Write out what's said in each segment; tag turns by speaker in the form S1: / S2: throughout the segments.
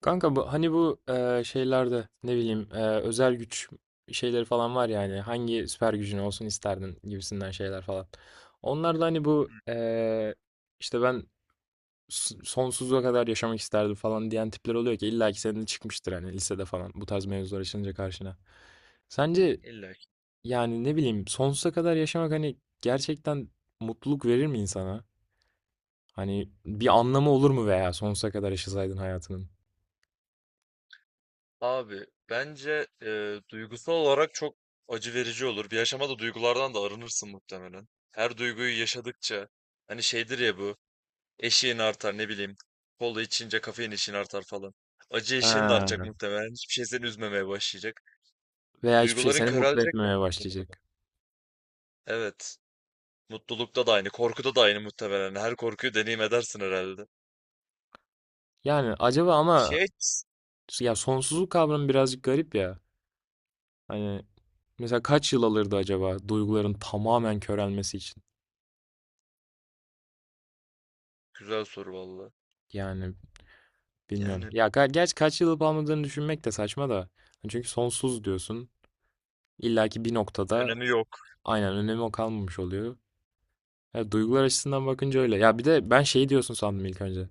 S1: Kanka bu hani bu şeylerde ne bileyim özel güç şeyleri falan var yani hangi süper gücün olsun isterdin gibisinden şeyler falan. Onlar da hani bu işte ben sonsuza kadar yaşamak isterdim falan diyen tipler oluyor ki illa ki senin de çıkmıştır hani lisede falan bu tarz mevzular açılınca karşına. Sence
S2: İlla ki.
S1: yani ne bileyim sonsuza kadar yaşamak hani gerçekten mutluluk verir mi insana? Hani bir anlamı olur mu veya sonsuza kadar yaşasaydın hayatının?
S2: Abi bence duygusal olarak çok acı verici olur. Bir aşamada duygulardan da arınırsın muhtemelen. Her duyguyu yaşadıkça hani şeydir ya bu eşiğin artar, ne bileyim, kola içince kafein eşiğin artar falan. Acı
S1: He.
S2: eşiğin de artacak muhtemelen. Hiçbir şey seni üzmemeye başlayacak.
S1: Veya hiçbir şey
S2: Duyguların
S1: seni mutlu
S2: körelecek
S1: etmemeye
S2: muhtemelen.
S1: başlayacak.
S2: Evet. Mutlulukta da aynı, korkuda da aynı muhtemelen. Her korkuyu deneyim edersin herhalde.
S1: Yani acaba ama
S2: Şey,
S1: ya sonsuzluk kavramı birazcık garip ya. Hani mesela kaç yıl alırdı acaba duyguların tamamen körelmesi için?
S2: güzel soru valla.
S1: Yani bilmiyorum.
S2: Yani
S1: Ya gerçi kaç yıl alıp almadığını düşünmek de saçma da. Hani çünkü sonsuz diyorsun. İlla ki bir noktada
S2: önemi yok.
S1: aynen önemi o kalmamış oluyor. Ya duygular açısından bakınca öyle. Ya bir de ben şey diyorsun sandım ilk önce.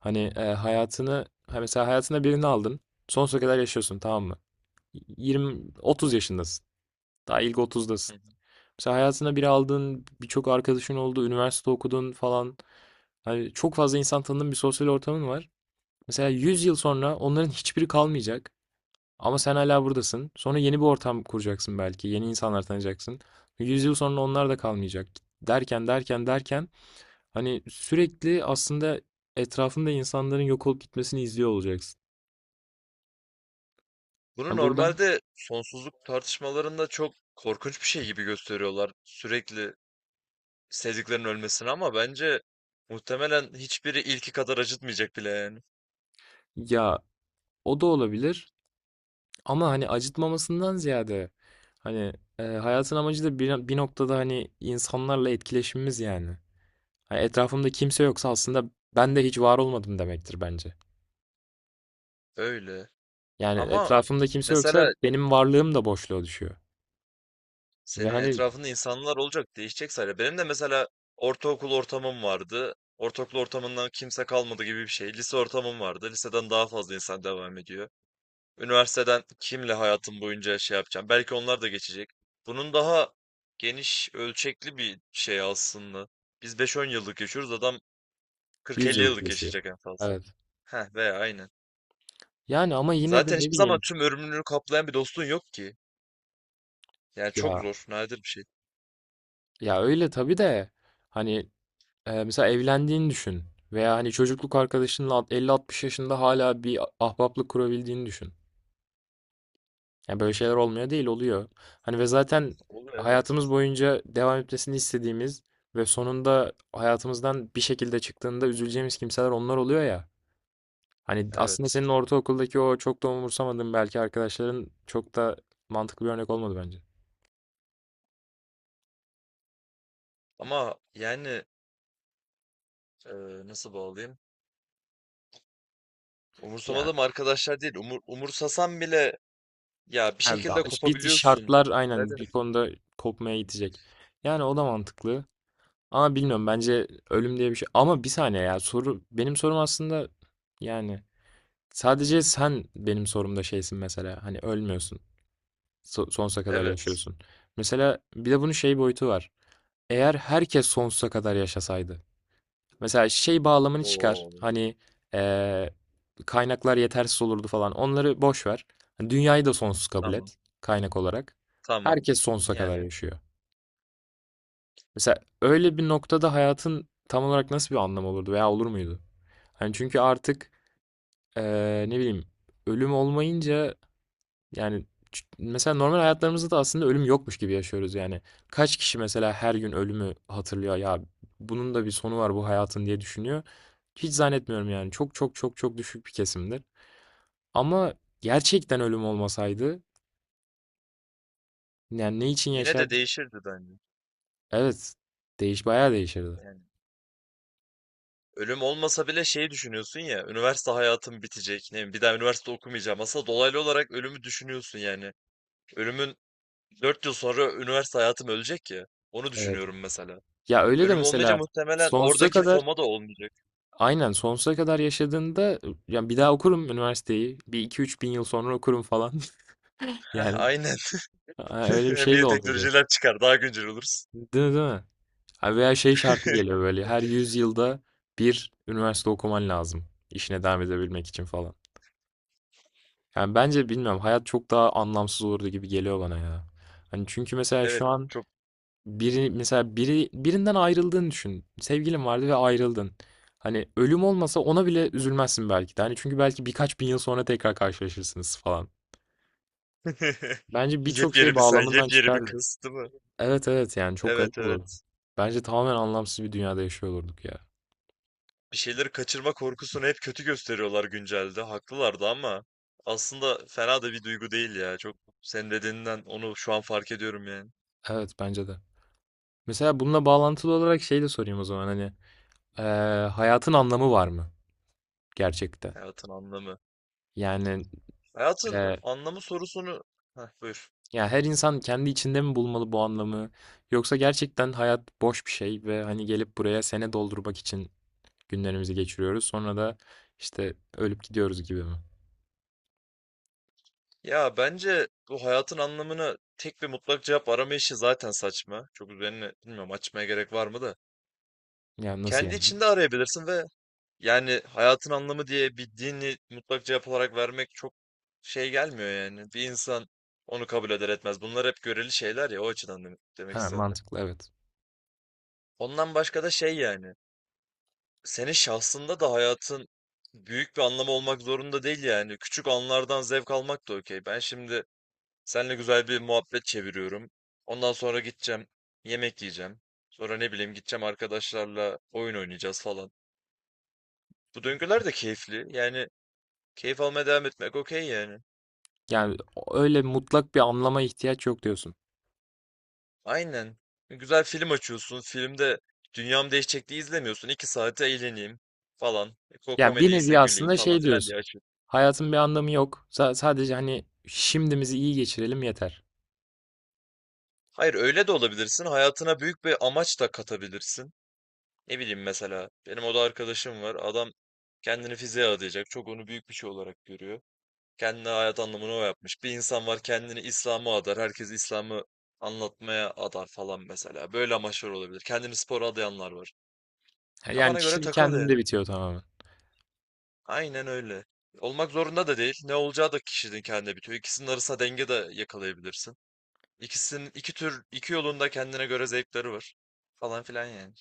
S1: Hani hayatını ha mesela hayatına birini aldın. Sonsuza kadar yaşıyorsun, tamam mı? 20-30 yaşındasın. Daha ilk otuzdasın. Mesela hayatına bir aldığın, birçok arkadaşın oldu, üniversite okudun falan. Hani çok fazla insan tanıdığın bir sosyal ortamın var. Mesela 100 yıl sonra onların hiçbiri kalmayacak. Ama sen hala buradasın. Sonra yeni bir ortam kuracaksın belki. Yeni insanlar tanıyacaksın. 100 yıl sonra onlar da kalmayacak. Derken derken derken hani sürekli aslında etrafında insanların yok olup gitmesini izliyor olacaksın.
S2: Bunu
S1: Ha, buradan
S2: normalde sonsuzluk tartışmalarında çok korkunç bir şey gibi gösteriyorlar. Sürekli sevdiklerinin ölmesini, ama bence muhtemelen hiçbiri ilki kadar acıtmayacak bile yani.
S1: ya o da olabilir. Ama hani acıtmamasından ziyade hani hayatın amacı da bir noktada hani insanlarla etkileşimimiz yani. Hani etrafımda kimse yoksa aslında ben de hiç var olmadım demektir bence.
S2: Öyle.
S1: Yani
S2: Ama
S1: etrafımda kimse yoksa
S2: mesela
S1: benim varlığım da boşluğa düşüyor. Ve
S2: senin
S1: hani
S2: etrafında insanlar olacak, değişecek sadece. Benim de mesela ortaokul ortamım vardı. Ortaokul ortamından kimse kalmadı gibi bir şey. Lise ortamım vardı. Liseden daha fazla insan devam ediyor. Üniversiteden kimle hayatım boyunca şey yapacağım? Belki onlar da geçecek. Bunun daha geniş, ölçekli bir şey aslında. Biz 5-10 yıllık yaşıyoruz, adam
S1: 100
S2: 40-50
S1: yıllık
S2: yıllık
S1: yaşıyor.
S2: yaşayacak en fazla.
S1: Evet.
S2: Heh, veya aynen.
S1: Yani ama yine de
S2: Zaten
S1: ne
S2: hiçbir zaman
S1: bileyim,
S2: tüm ömrünü kaplayan bir dostun yok ki. Yani çok
S1: ya
S2: zor, nadir bir şey.
S1: ya öyle tabii de hani mesela evlendiğini düşün veya hani çocukluk arkadaşınla 50-60 yaşında hala bir ahbaplık kurabildiğini düşün. Yani böyle şeyler olmuyor değil, oluyor. Hani ve zaten
S2: Olur, evet.
S1: hayatımız boyunca devam etmesini istediğimiz ve sonunda hayatımızdan bir şekilde çıktığında üzüleceğimiz kimseler onlar oluyor ya. Hani aslında
S2: Evet.
S1: senin ortaokuldaki o çok da umursamadığın belki arkadaşların çok da mantıklı bir örnek olmadı bence.
S2: Ama yani, e, nasıl bağlayayım?
S1: Yani
S2: Umursamadım arkadaşlar değil. Umursasan bile ya bir
S1: yani
S2: şekilde
S1: bir
S2: kopabiliyorsun.
S1: şartlar aynen
S2: Zaten.
S1: bir konuda kopmaya gidecek. Yani o da mantıklı. Ama bilmiyorum bence ölüm diye bir şey. Ama bir saniye ya, soru benim sorum aslında, yani sadece sen benim sorumda şeysin mesela. Hani ölmüyorsun. Sonsuza kadar
S2: Evet.
S1: yaşıyorsun. Mesela bir de bunun şey boyutu var. Eğer herkes sonsuza kadar yaşasaydı. Mesela şey bağlamını çıkar.
S2: Oo,
S1: Hani eee, kaynaklar yetersiz olurdu falan. Onları boş ver. Hani Dünyayı da sonsuz kabul
S2: tamam.
S1: et kaynak olarak.
S2: Tamam.
S1: Herkes sonsuza kadar
S2: Yani.
S1: yaşıyor. Mesela öyle bir noktada hayatın tam olarak nasıl bir anlamı olurdu veya olur muydu? Hani çünkü artık ne bileyim, ölüm olmayınca yani mesela normal hayatlarımızda da aslında ölüm yokmuş gibi yaşıyoruz yani. Kaç kişi mesela her gün ölümü hatırlıyor ya, bunun da bir sonu var bu hayatın diye düşünüyor. Hiç zannetmiyorum yani. Çok çok çok çok düşük bir kesimdir. Ama gerçekten ölüm olmasaydı yani ne için
S2: Yine de
S1: yaşardık?
S2: değişirdi bence.
S1: Evet. Değiş bayağı değişirdi.
S2: Yani ölüm olmasa bile şey düşünüyorsun ya, üniversite hayatım bitecek. Ne bileyim, bir daha üniversite okumayacağım. Aslında dolaylı olarak ölümü düşünüyorsun yani. Ölümün 4 yıl sonra üniversite hayatım ölecek ya. Onu
S1: Evet.
S2: düşünüyorum mesela.
S1: Ya öyle de
S2: Ölüm olmayınca
S1: mesela
S2: muhtemelen
S1: sonsuza
S2: oradaki
S1: kadar
S2: FOMA da olmayacak.
S1: aynen sonsuza kadar yaşadığında, yani bir daha okurum üniversiteyi. Bir iki üç bin yıl sonra okurum falan.
S2: Heh,
S1: Yani
S2: aynen.
S1: ha, öyle bir
S2: Hem
S1: şey de
S2: yeni
S1: olmayacak.
S2: teknolojiler çıkar, daha güncel oluruz.
S1: Değil mi, değil mi? Ha, veya şey şartı geliyor böyle, her 100 yılda bir üniversite okuman lazım işine devam edebilmek için falan. Yani bence bilmiyorum, hayat çok daha anlamsız olurdu gibi geliyor bana ya. Hani çünkü mesela
S2: Evet,
S1: şu an
S2: çok
S1: biri mesela biri birinden ayrıldığını düşün. Sevgilin vardı ve ayrıldın. Hani ölüm olmasa ona bile üzülmezsin belki de. Hani çünkü belki birkaç bin yıl sonra tekrar karşılaşırsınız falan. Bence birçok şey
S2: yepyeni bir sen,
S1: bağlamından
S2: yepyeni bir
S1: çıkardı.
S2: kız, değil mi?
S1: Evet, evet, yani çok
S2: Evet,
S1: garip olurdu.
S2: evet.
S1: Bence tamamen anlamsız bir dünyada yaşıyor olurduk ya.
S2: Bir şeyleri kaçırma korkusunu hep kötü gösteriyorlar güncelde. Haklılardı ama aslında fena da bir duygu değil ya. Çok, senin dediğinden onu şu an fark ediyorum yani.
S1: Evet, bence de. Mesela bununla bağlantılı olarak şey de sorayım o zaman, hani hayatın anlamı var mı gerçekte?
S2: Hayatın anlamı.
S1: Yani
S2: Hayatın
S1: eee,
S2: anlamı sorusunu... Heh, buyur.
S1: ya her insan kendi içinde mi bulmalı bu anlamı, yoksa gerçekten hayat boş bir şey ve hani gelip buraya sene doldurmak için günlerimizi geçiriyoruz sonra da işte ölüp gidiyoruz gibi mi?
S2: Ya bence bu hayatın anlamına tek bir mutlak cevap arama işi zaten saçma. Çok üzerine bilmiyorum açmaya gerek var mı da.
S1: Yani nasıl
S2: Kendi
S1: yani?
S2: içinde arayabilirsin ve yani hayatın anlamı diye bir dini mutlak cevap olarak vermek çok şey gelmiyor yani. Bir insan onu kabul eder etmez. Bunlar hep göreli şeyler ya, o açıdan demek
S1: Ha,
S2: istedim.
S1: mantıklı, evet.
S2: Ondan başka da şey yani. Senin şahsında da hayatın büyük bir anlamı olmak zorunda değil yani. Küçük anlardan zevk almak da okey. Ben şimdi seninle güzel bir muhabbet çeviriyorum. Ondan sonra gideceğim, yemek yiyeceğim. Sonra ne bileyim gideceğim, arkadaşlarla oyun oynayacağız falan. Bu döngüler de keyifli. Yani keyif almaya devam etmek okey yani.
S1: Yani öyle mutlak bir anlama ihtiyaç yok diyorsun.
S2: Aynen. Güzel film açıyorsun. Filmde dünyam değişecek diye izlemiyorsun. İki saate eğleneyim falan. E, Ko
S1: Yani bir
S2: komedi ise
S1: nevi
S2: güleyim
S1: aslında
S2: falan
S1: şey
S2: filan diye
S1: diyorsun.
S2: açıyorsun.
S1: Hayatın bir anlamı yok. Sadece hani şimdimizi iyi geçirelim yeter.
S2: Hayır, öyle de olabilirsin. Hayatına büyük bir amaç da katabilirsin. Ne bileyim, mesela. Benim oda arkadaşım var. Adam kendini fiziğe adayacak. Çok onu büyük bir şey olarak görüyor. Kendine hayat anlamını o yapmış. Bir insan var kendini İslam'a adar. Herkes İslam'ı anlatmaya adar falan mesela. Böyle amaçlar olabilir. Kendini spora adayanlar var.
S1: Yani
S2: Kafana göre
S1: kişinin
S2: takıl
S1: kendinde
S2: yani.
S1: bitiyor tamamen.
S2: Aynen öyle. Olmak zorunda da değil. Ne olacağı da kişinin kendine bitiyor. İkisinin arasında denge de yakalayabilirsin. İkisinin iki tür iki yolunda kendine göre zevkleri var. Falan filan yani.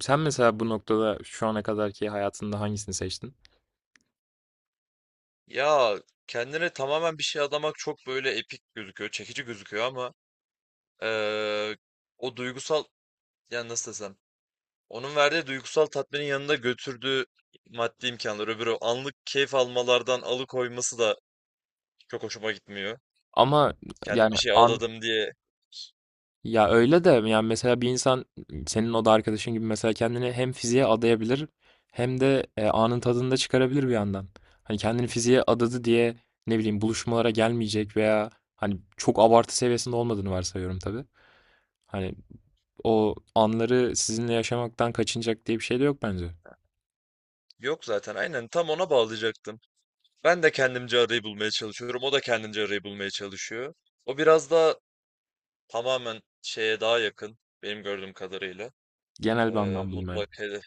S1: Sen mesela bu noktada şu ana kadarki hayatında hangisini seçtin?
S2: Ya kendine tamamen bir şey adamak çok böyle epik gözüküyor, çekici gözüküyor ama eee, o duygusal, yani nasıl desem, onun verdiği duygusal tatminin yanında götürdüğü maddi imkanlar öbürü anlık keyif almalardan alıkoyması da çok hoşuma gitmiyor.
S1: Ama
S2: Kendim
S1: yani
S2: bir şey adadım diye
S1: ya öyle de yani mesela bir insan senin o da arkadaşın gibi mesela kendini hem fiziğe adayabilir hem de anın tadını da çıkarabilir bir yandan. Hani kendini fiziğe adadı diye ne bileyim buluşmalara gelmeyecek veya hani çok abartı seviyesinde olmadığını varsayıyorum tabii. Hani o anları sizinle yaşamaktan kaçınacak diye bir şey de yok bence.
S2: yok, zaten aynen tam ona bağlayacaktım. Ben de kendimce arayı bulmaya çalışıyorum. O da kendince arayı bulmaya çalışıyor. O biraz daha tamamen şeye daha yakın, benim gördüğüm kadarıyla.
S1: Genel bir
S2: Ee,
S1: anlam bulmaya.
S2: mutlak hedef.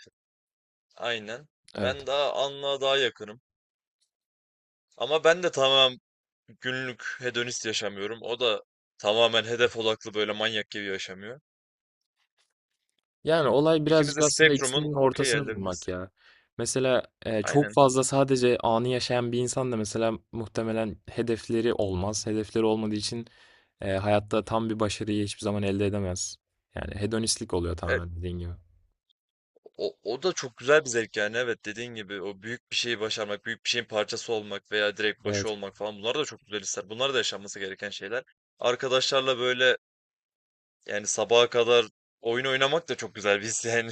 S2: Aynen.
S1: Evet.
S2: Ben daha anlığa daha yakınım. Ama ben de tamamen günlük hedonist yaşamıyorum. O da tamamen hedef odaklı böyle manyak gibi yaşamıyor.
S1: Yani olay
S2: İkimiz
S1: birazcık
S2: de
S1: aslında
S2: spektrumun
S1: ikisinin
S2: okey
S1: ortasını bulmak
S2: yerlerindeyiz.
S1: ya. Mesela çok
S2: Aynen.
S1: fazla sadece anı yaşayan bir insan da mesela muhtemelen hedefleri olmaz. Hedefleri olmadığı için hayatta tam bir başarıyı hiçbir zaman elde edemez. Yani hedonistlik oluyor
S2: E,
S1: tamamen dediğin gibi.
S2: o da çok güzel bir zevk yani, evet, dediğin gibi o büyük bir şeyi başarmak, büyük bir şeyin parçası olmak veya direkt
S1: Evet.
S2: başı olmak falan, bunlar da çok güzel hisler. Bunlar da yaşanması gereken şeyler. Arkadaşlarla böyle yani sabaha kadar oyun oynamak da çok güzel bir his yani.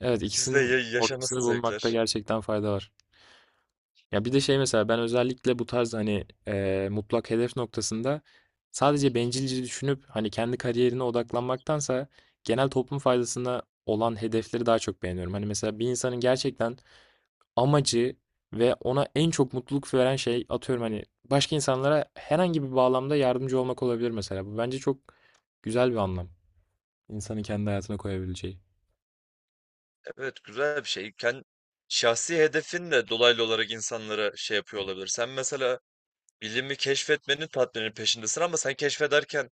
S1: Evet,
S2: İkisi de
S1: ikisinin ortasını
S2: yaşanası
S1: bulmakta
S2: zevkler.
S1: gerçekten fayda var. Ya bir de şey, mesela ben özellikle bu tarz hani mutlak hedef noktasında sadece bencilce düşünüp hani kendi kariyerine odaklanmaktansa genel toplum faydasına olan hedefleri daha çok beğeniyorum. Hani mesela bir insanın gerçekten amacı ve ona en çok mutluluk veren şey, atıyorum hani başka insanlara herhangi bir bağlamda yardımcı olmak olabilir mesela. Bu bence çok güzel bir anlam. İnsanın kendi hayatına koyabileceği.
S2: Evet, güzel bir şey. Kendi şahsi hedefin de dolaylı olarak insanlara şey yapıyor olabilir. Sen mesela bilimi keşfetmenin tatminin peşindesin ama sen keşfederken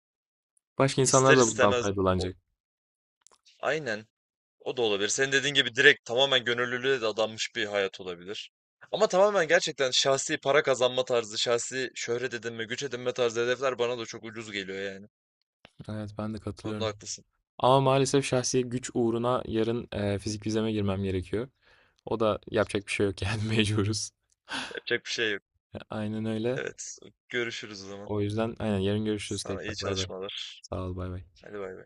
S1: Başka insanlar
S2: ister
S1: da bundan
S2: istemez o-
S1: faydalanacak.
S2: aynen. O da olabilir. Senin dediğin gibi direkt tamamen gönüllülüğe de adanmış bir hayat olabilir. Ama tamamen gerçekten şahsi para kazanma tarzı, şahsi şöhret edinme, güç edinme tarzı hedefler bana da çok ucuz geliyor yani.
S1: Evet, ben de
S2: Bu konuda
S1: katılıyorum.
S2: haklısın.
S1: Ama maalesef şahsi güç uğruna yarın fizik vizeme girmem gerekiyor. O da yapacak bir şey yok yani, mecburuz.
S2: Yapacak bir şey yok.
S1: Aynen öyle.
S2: Evet. Görüşürüz o zaman.
S1: O yüzden aynen yarın görüşürüz
S2: Sana iyi
S1: tekrar. Bay bay.
S2: çalışmalar.
S1: Sağ ol, bay bay.
S2: Hadi bay bay.